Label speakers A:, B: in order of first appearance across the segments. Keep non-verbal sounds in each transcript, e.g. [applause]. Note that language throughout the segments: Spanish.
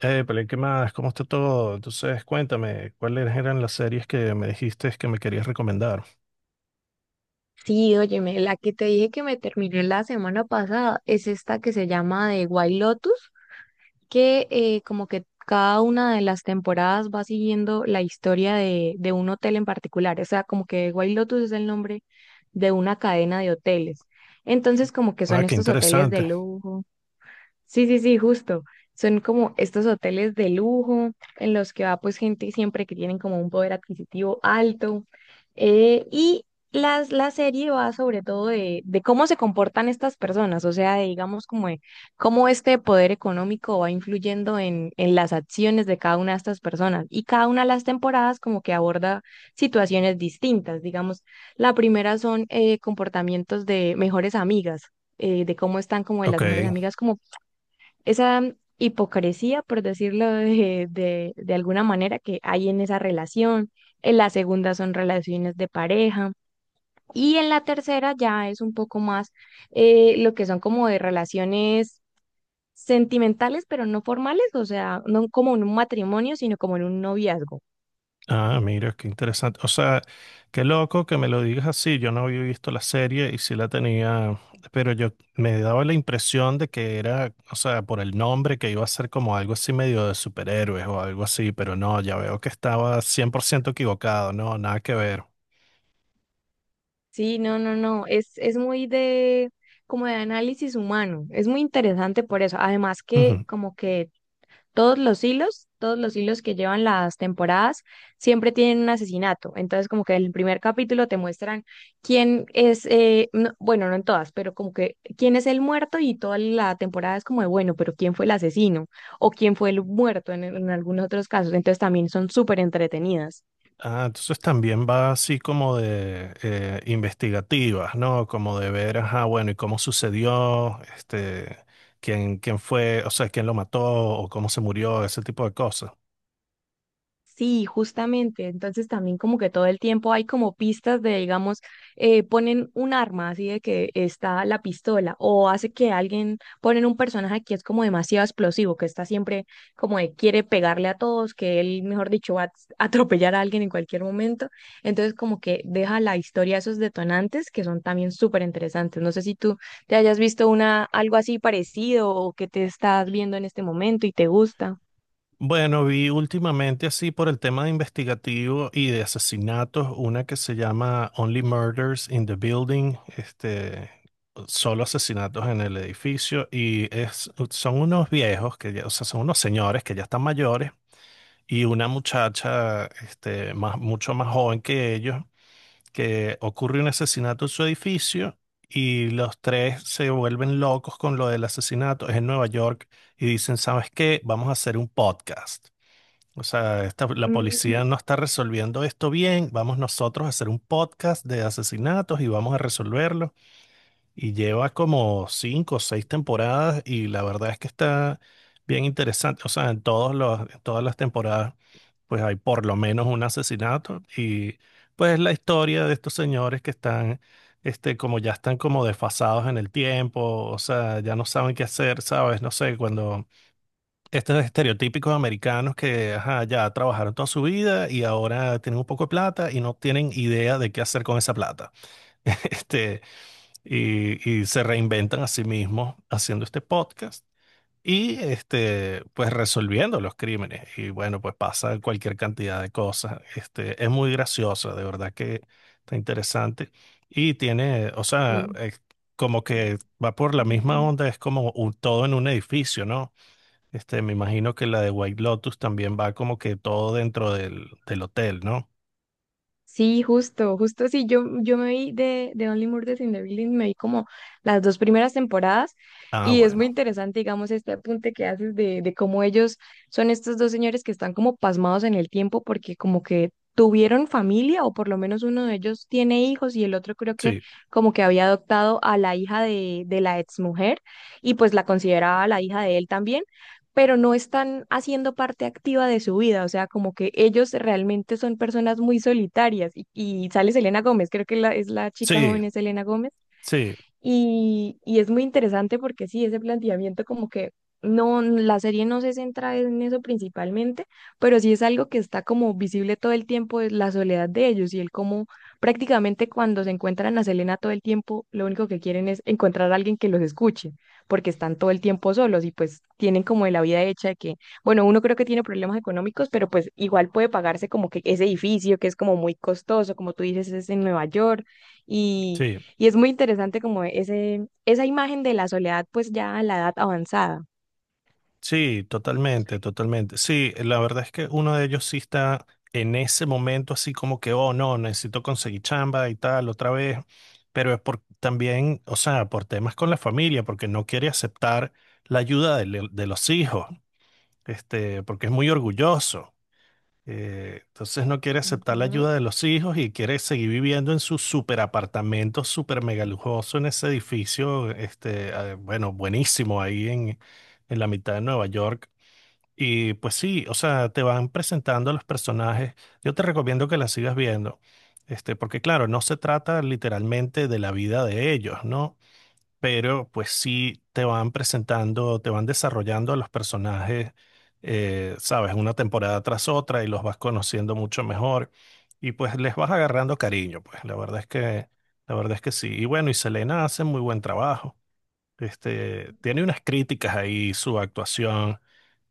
A: Pero ¿qué más? ¿Cómo está todo? Entonces, cuéntame, ¿cuáles eran las series que me dijiste que me querías recomendar?
B: Sí, óyeme, la que te dije que me terminé la semana pasada es esta que se llama de White Lotus, que como que cada una de las temporadas va siguiendo la historia de un hotel en particular, o sea, como que White Lotus es el nombre de una cadena de hoteles. Entonces, como que
A: Ah,
B: son
A: qué
B: estos hoteles de
A: interesante.
B: lujo. Sí, sí, sí, justo. Son como estos hoteles de lujo en los que va pues gente siempre que tienen como un poder adquisitivo alto. Y la serie va sobre todo de cómo se comportan estas personas, o sea, de, digamos como de cómo este poder económico va influyendo en las acciones de cada una de estas personas. Y cada una de las temporadas como que aborda situaciones distintas. Digamos, la primera son comportamientos de mejores amigas, de cómo están como de las mejores
A: Ok.
B: amigas, como esa hipocresía, por decirlo de alguna manera, que hay en esa relación. En la segunda son relaciones de pareja. Y en la tercera ya es un poco más lo que son como de relaciones sentimentales, pero no formales, o sea, no como en un matrimonio, sino como en un noviazgo.
A: Ah, mira, qué interesante. O sea, qué loco que me lo digas así. Yo no había visto la serie y sí la tenía, pero yo me daba la impresión de que era, o sea, por el nombre que iba a ser como algo así medio de superhéroes o algo así, pero no, ya veo que estaba 100% equivocado, no, nada que ver.
B: Sí, no, no, no, es muy de como de análisis humano, es muy interesante por eso, además que
A: Ujú.
B: como que todos los hilos que llevan las temporadas, siempre tienen un asesinato. Entonces, como que en el primer capítulo te muestran quién es, bueno, no en todas, pero como que quién es el muerto y toda la temporada es como de, bueno, pero quién fue el asesino o quién fue el muerto en algunos otros casos. Entonces, también son súper entretenidas.
A: Ah, entonces también va así como de investigativas, ¿no? Como de ver, ajá, bueno, y cómo sucedió, este, quién fue, o sea, quién lo mató o cómo se murió, ese tipo de cosas.
B: Sí, justamente. Entonces también como que todo el tiempo hay como pistas de, digamos, ponen un arma así de que está la pistola o hace que alguien ponen un personaje que es como demasiado explosivo, que está siempre como de quiere pegarle a todos, que él, mejor dicho, va a [laughs] atropellar a alguien en cualquier momento. Entonces como que deja la historia esos detonantes que son también súper interesantes. No sé si tú te hayas visto una algo así parecido o que te estás viendo en este momento y te gusta.
A: Bueno, vi últimamente así por el tema de investigativo y de asesinatos, una que se llama Only Murders in the Building, este, solo asesinatos en el edificio, y es, son unos viejos, que o sea, son unos señores que ya están mayores, y una muchacha, este, más, mucho más joven que ellos, que ocurre un asesinato en su edificio, y los tres se vuelven locos con lo del asesinato, es en Nueva York, y dicen, ¿sabes qué? Vamos a hacer un podcast. O sea, la
B: Mm,
A: policía no está resolviendo esto bien. Vamos nosotros a hacer un podcast de asesinatos y vamos a resolverlo. Y lleva como cinco o seis temporadas y la verdad es que está bien interesante. O sea, en todos los, en todas las temporadas, pues hay por lo menos un asesinato y pues la historia de estos señores que están, este, como ya están como desfasados en el tiempo. O sea, ya no saben qué hacer, ¿sabes? No sé, cuando estos estereotípicos americanos que ajá, ya trabajaron toda su vida y ahora tienen un poco de plata y no tienen idea de qué hacer con esa plata. [laughs] Este, y se reinventan a sí mismos haciendo este podcast y este, pues resolviendo los crímenes. Y bueno, pues pasa cualquier cantidad de cosas. Este, es muy graciosa, de verdad que está interesante. Y tiene, o sea,
B: sí.
A: es como que va por la misma onda, es como un, todo en un edificio, ¿no? Este, me imagino que la de White Lotus también va como que todo dentro del, del hotel, ¿no?
B: Sí, justo, justo sí. Yo me vi de Only Murders in the Building, me vi como las dos primeras temporadas
A: Ah,
B: y es muy
A: bueno.
B: interesante, digamos, este apunte que haces de cómo ellos son estos dos señores que están como pasmados en el tiempo porque como que tuvieron familia o por lo menos uno de ellos tiene hijos y el otro creo que
A: Sí,
B: como que había adoptado a la hija de la exmujer y pues la consideraba la hija de él también, pero no están haciendo parte activa de su vida, o sea, como que ellos realmente son personas muy solitarias. Y sale Selena Gómez, creo que la, es la chica
A: sí,
B: joven, es Selena Gómez,
A: sí,
B: y es muy interesante porque sí, ese planteamiento como que no, la serie no se centra en eso principalmente, pero sí es algo que está como visible todo el tiempo, es la soledad de ellos y el cómo prácticamente cuando se encuentran a Selena todo el tiempo, lo único que quieren es encontrar a alguien que los escuche, porque están todo el tiempo solos y pues tienen como de la vida hecha de que, bueno, uno creo que tiene problemas económicos, pero pues igual puede pagarse como que ese edificio que es como muy costoso, como tú dices, es en Nueva York y
A: sí,
B: y es muy interesante como ese, esa imagen de la soledad, pues ya a la edad avanzada.
A: sí, totalmente, totalmente. Sí, la verdad es que uno de ellos sí está en ese momento así como que, oh, no, necesito conseguir chamba y tal otra vez, pero es por también, o sea, por temas con la familia, porque no quiere aceptar la ayuda de, de los hijos, este, porque es muy orgulloso. Entonces no quiere aceptar la ayuda de los hijos y quiere seguir viviendo en su super apartamento super mega lujoso en ese edificio, este, bueno, buenísimo ahí en la mitad de Nueva York. Y pues sí, o sea, te van presentando a los personajes. Yo te recomiendo que la sigas viendo, este, porque claro, no se trata literalmente de la vida de ellos, ¿no? Pero pues sí te van presentando, te van desarrollando a los personajes, sabes, una temporada tras otra y los vas conociendo mucho mejor y pues les vas agarrando cariño, pues la verdad es que, la verdad es que sí. Y bueno, y Selena hace muy buen trabajo, este, tiene unas críticas ahí su actuación,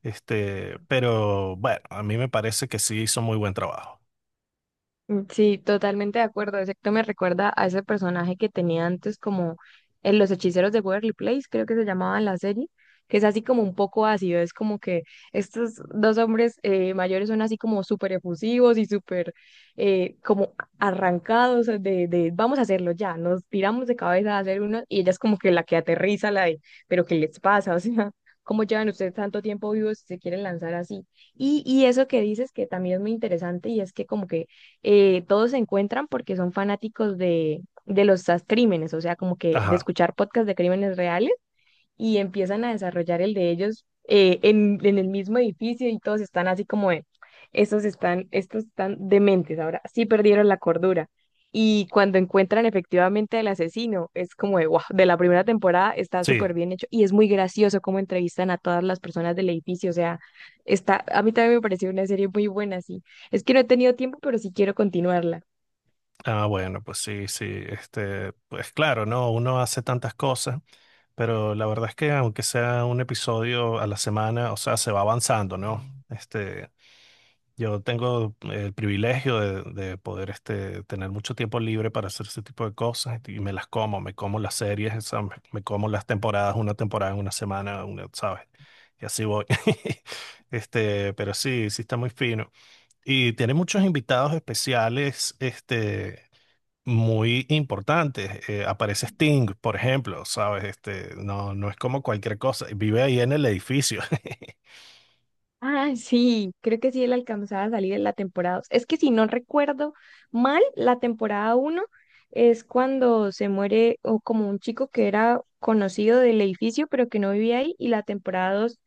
A: este, pero bueno, a mí me parece que sí hizo muy buen trabajo.
B: Mm, sí, totalmente de acuerdo. Exacto, me recuerda a ese personaje que tenía antes como en Los Hechiceros de Waverly Place, creo que se llamaba la serie, que es así como un poco ácido. Es como que estos dos hombres mayores son así como súper efusivos y súper como arrancados de vamos a hacerlo ya, nos tiramos de cabeza a hacer uno y ella es como que la que aterriza, la de, pero ¿qué les pasa? [laughs] O sea, ¿cómo llevan ustedes tanto tiempo vivos si se quieren lanzar así? Y eso que dices que también es muy interesante y es que como que todos se encuentran porque son fanáticos de los crímenes, o sea, como que de
A: Ajá,
B: escuchar podcasts de crímenes reales y empiezan a desarrollar el de ellos, en el mismo edificio y todos están así como de, estos están dementes, ahora sí perdieron la cordura. Y cuando encuentran efectivamente al asesino, es como de wow, de la primera temporada está
A: sí.
B: súper bien hecho y es muy gracioso cómo entrevistan a todas las personas del edificio. O sea, está, a mí también me pareció una serie muy buena, sí. Es que no he tenido tiempo, pero sí quiero continuarla.
A: Ah, bueno, pues sí, sí, este, pues claro, ¿no? Uno hace tantas cosas. Pero la verdad es que aunque sea un episodio a la semana, o sea, se va avanzando, ¿no? Este, yo tengo el privilegio de poder este, tener mucho tiempo libre para hacer ese tipo de cosas y me las como, me como las series, o sea, me como las temporadas, una temporada en una semana, una, ¿sabes? Y así voy. [laughs] Este, pero sí, sí está muy fino. Y tiene muchos invitados especiales, este, muy importantes. Aparece Sting, por ejemplo, ¿sabes? Este, no, no es como cualquier cosa. Vive ahí en el edificio. [laughs]
B: Ah, sí, creo que sí él alcanzaba a salir en la temporada 2. Es que si no recuerdo mal, la temporada uno es cuando se muere o como un chico que era conocido del edificio pero que no vivía ahí y la temporada 2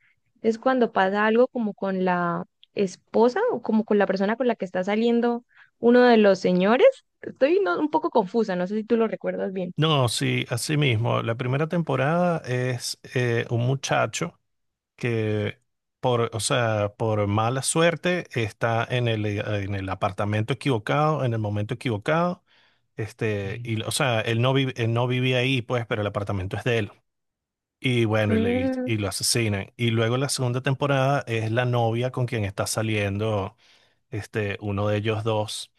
B: es cuando pasa algo como con la esposa o como con la persona con la que está saliendo uno de los señores. Estoy un poco confusa, no sé si tú lo recuerdas bien.
A: No, sí, así mismo. La primera temporada es un muchacho. Que por, o sea, por mala suerte está en el apartamento equivocado, en el momento equivocado. Este, y, o sea, él no, él no vivía ahí, pues, pero el apartamento es de él. Y bueno, y,
B: Mm,
A: y lo asesinan. Y luego la segunda temporada es la novia con quien está saliendo, este, uno de ellos dos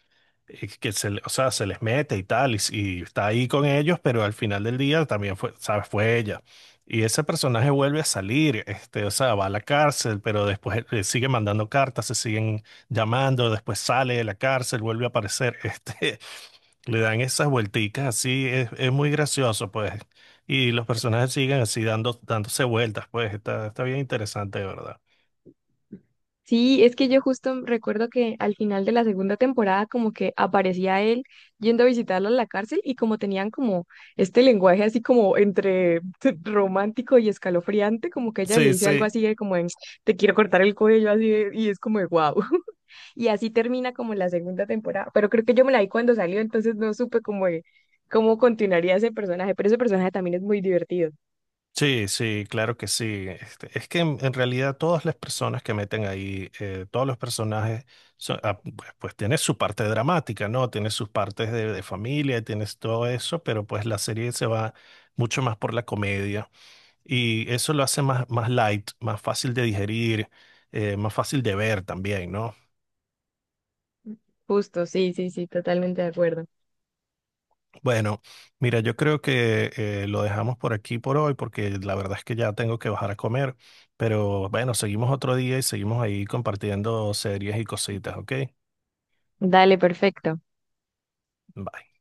A: que se, o sea, se les mete y tal, y está ahí con ellos, pero al final del día también fue, ¿sabes? Fue ella. Y ese personaje vuelve a salir, este, o sea, va a la cárcel, pero después le sigue mandando cartas, se siguen llamando, después sale de la cárcel, vuelve a aparecer, este, [laughs] le dan esas vuelticas así, es muy gracioso, pues. Y los personajes siguen así dando, dándose vueltas, pues, está, está bien interesante, ¿de verdad?
B: sí, es que yo justo recuerdo que al final de la segunda temporada como que aparecía él yendo a visitarla a la cárcel y como tenían como este lenguaje así como entre [laughs] romántico y escalofriante, como que ella le
A: Sí,
B: dice algo
A: sí.
B: así de como en, te quiero cortar el cuello así de- y es como de wow. [laughs] Y así termina como la segunda temporada, pero creo que yo me la vi cuando salió, entonces no supe como de cómo continuaría ese personaje, pero ese personaje también es muy divertido.
A: Sí, sí, claro que sí. Este, es que en realidad todas las personas que meten ahí, todos los personajes, ah, pues, pues tiene su parte dramática, ¿no? Tiene sus partes de familia, tienes todo eso, pero pues la serie se va mucho más por la comedia y eso lo hace más, más light, más fácil de digerir, más fácil de ver también, ¿no?
B: Justo, sí, sí, sí, totalmente de acuerdo.
A: Bueno, mira, yo creo que lo dejamos por aquí por hoy porque la verdad es que ya tengo que bajar a comer, pero bueno, seguimos otro día y seguimos ahí compartiendo series y cositas, ¿ok?
B: Dale, perfecto.
A: Bye.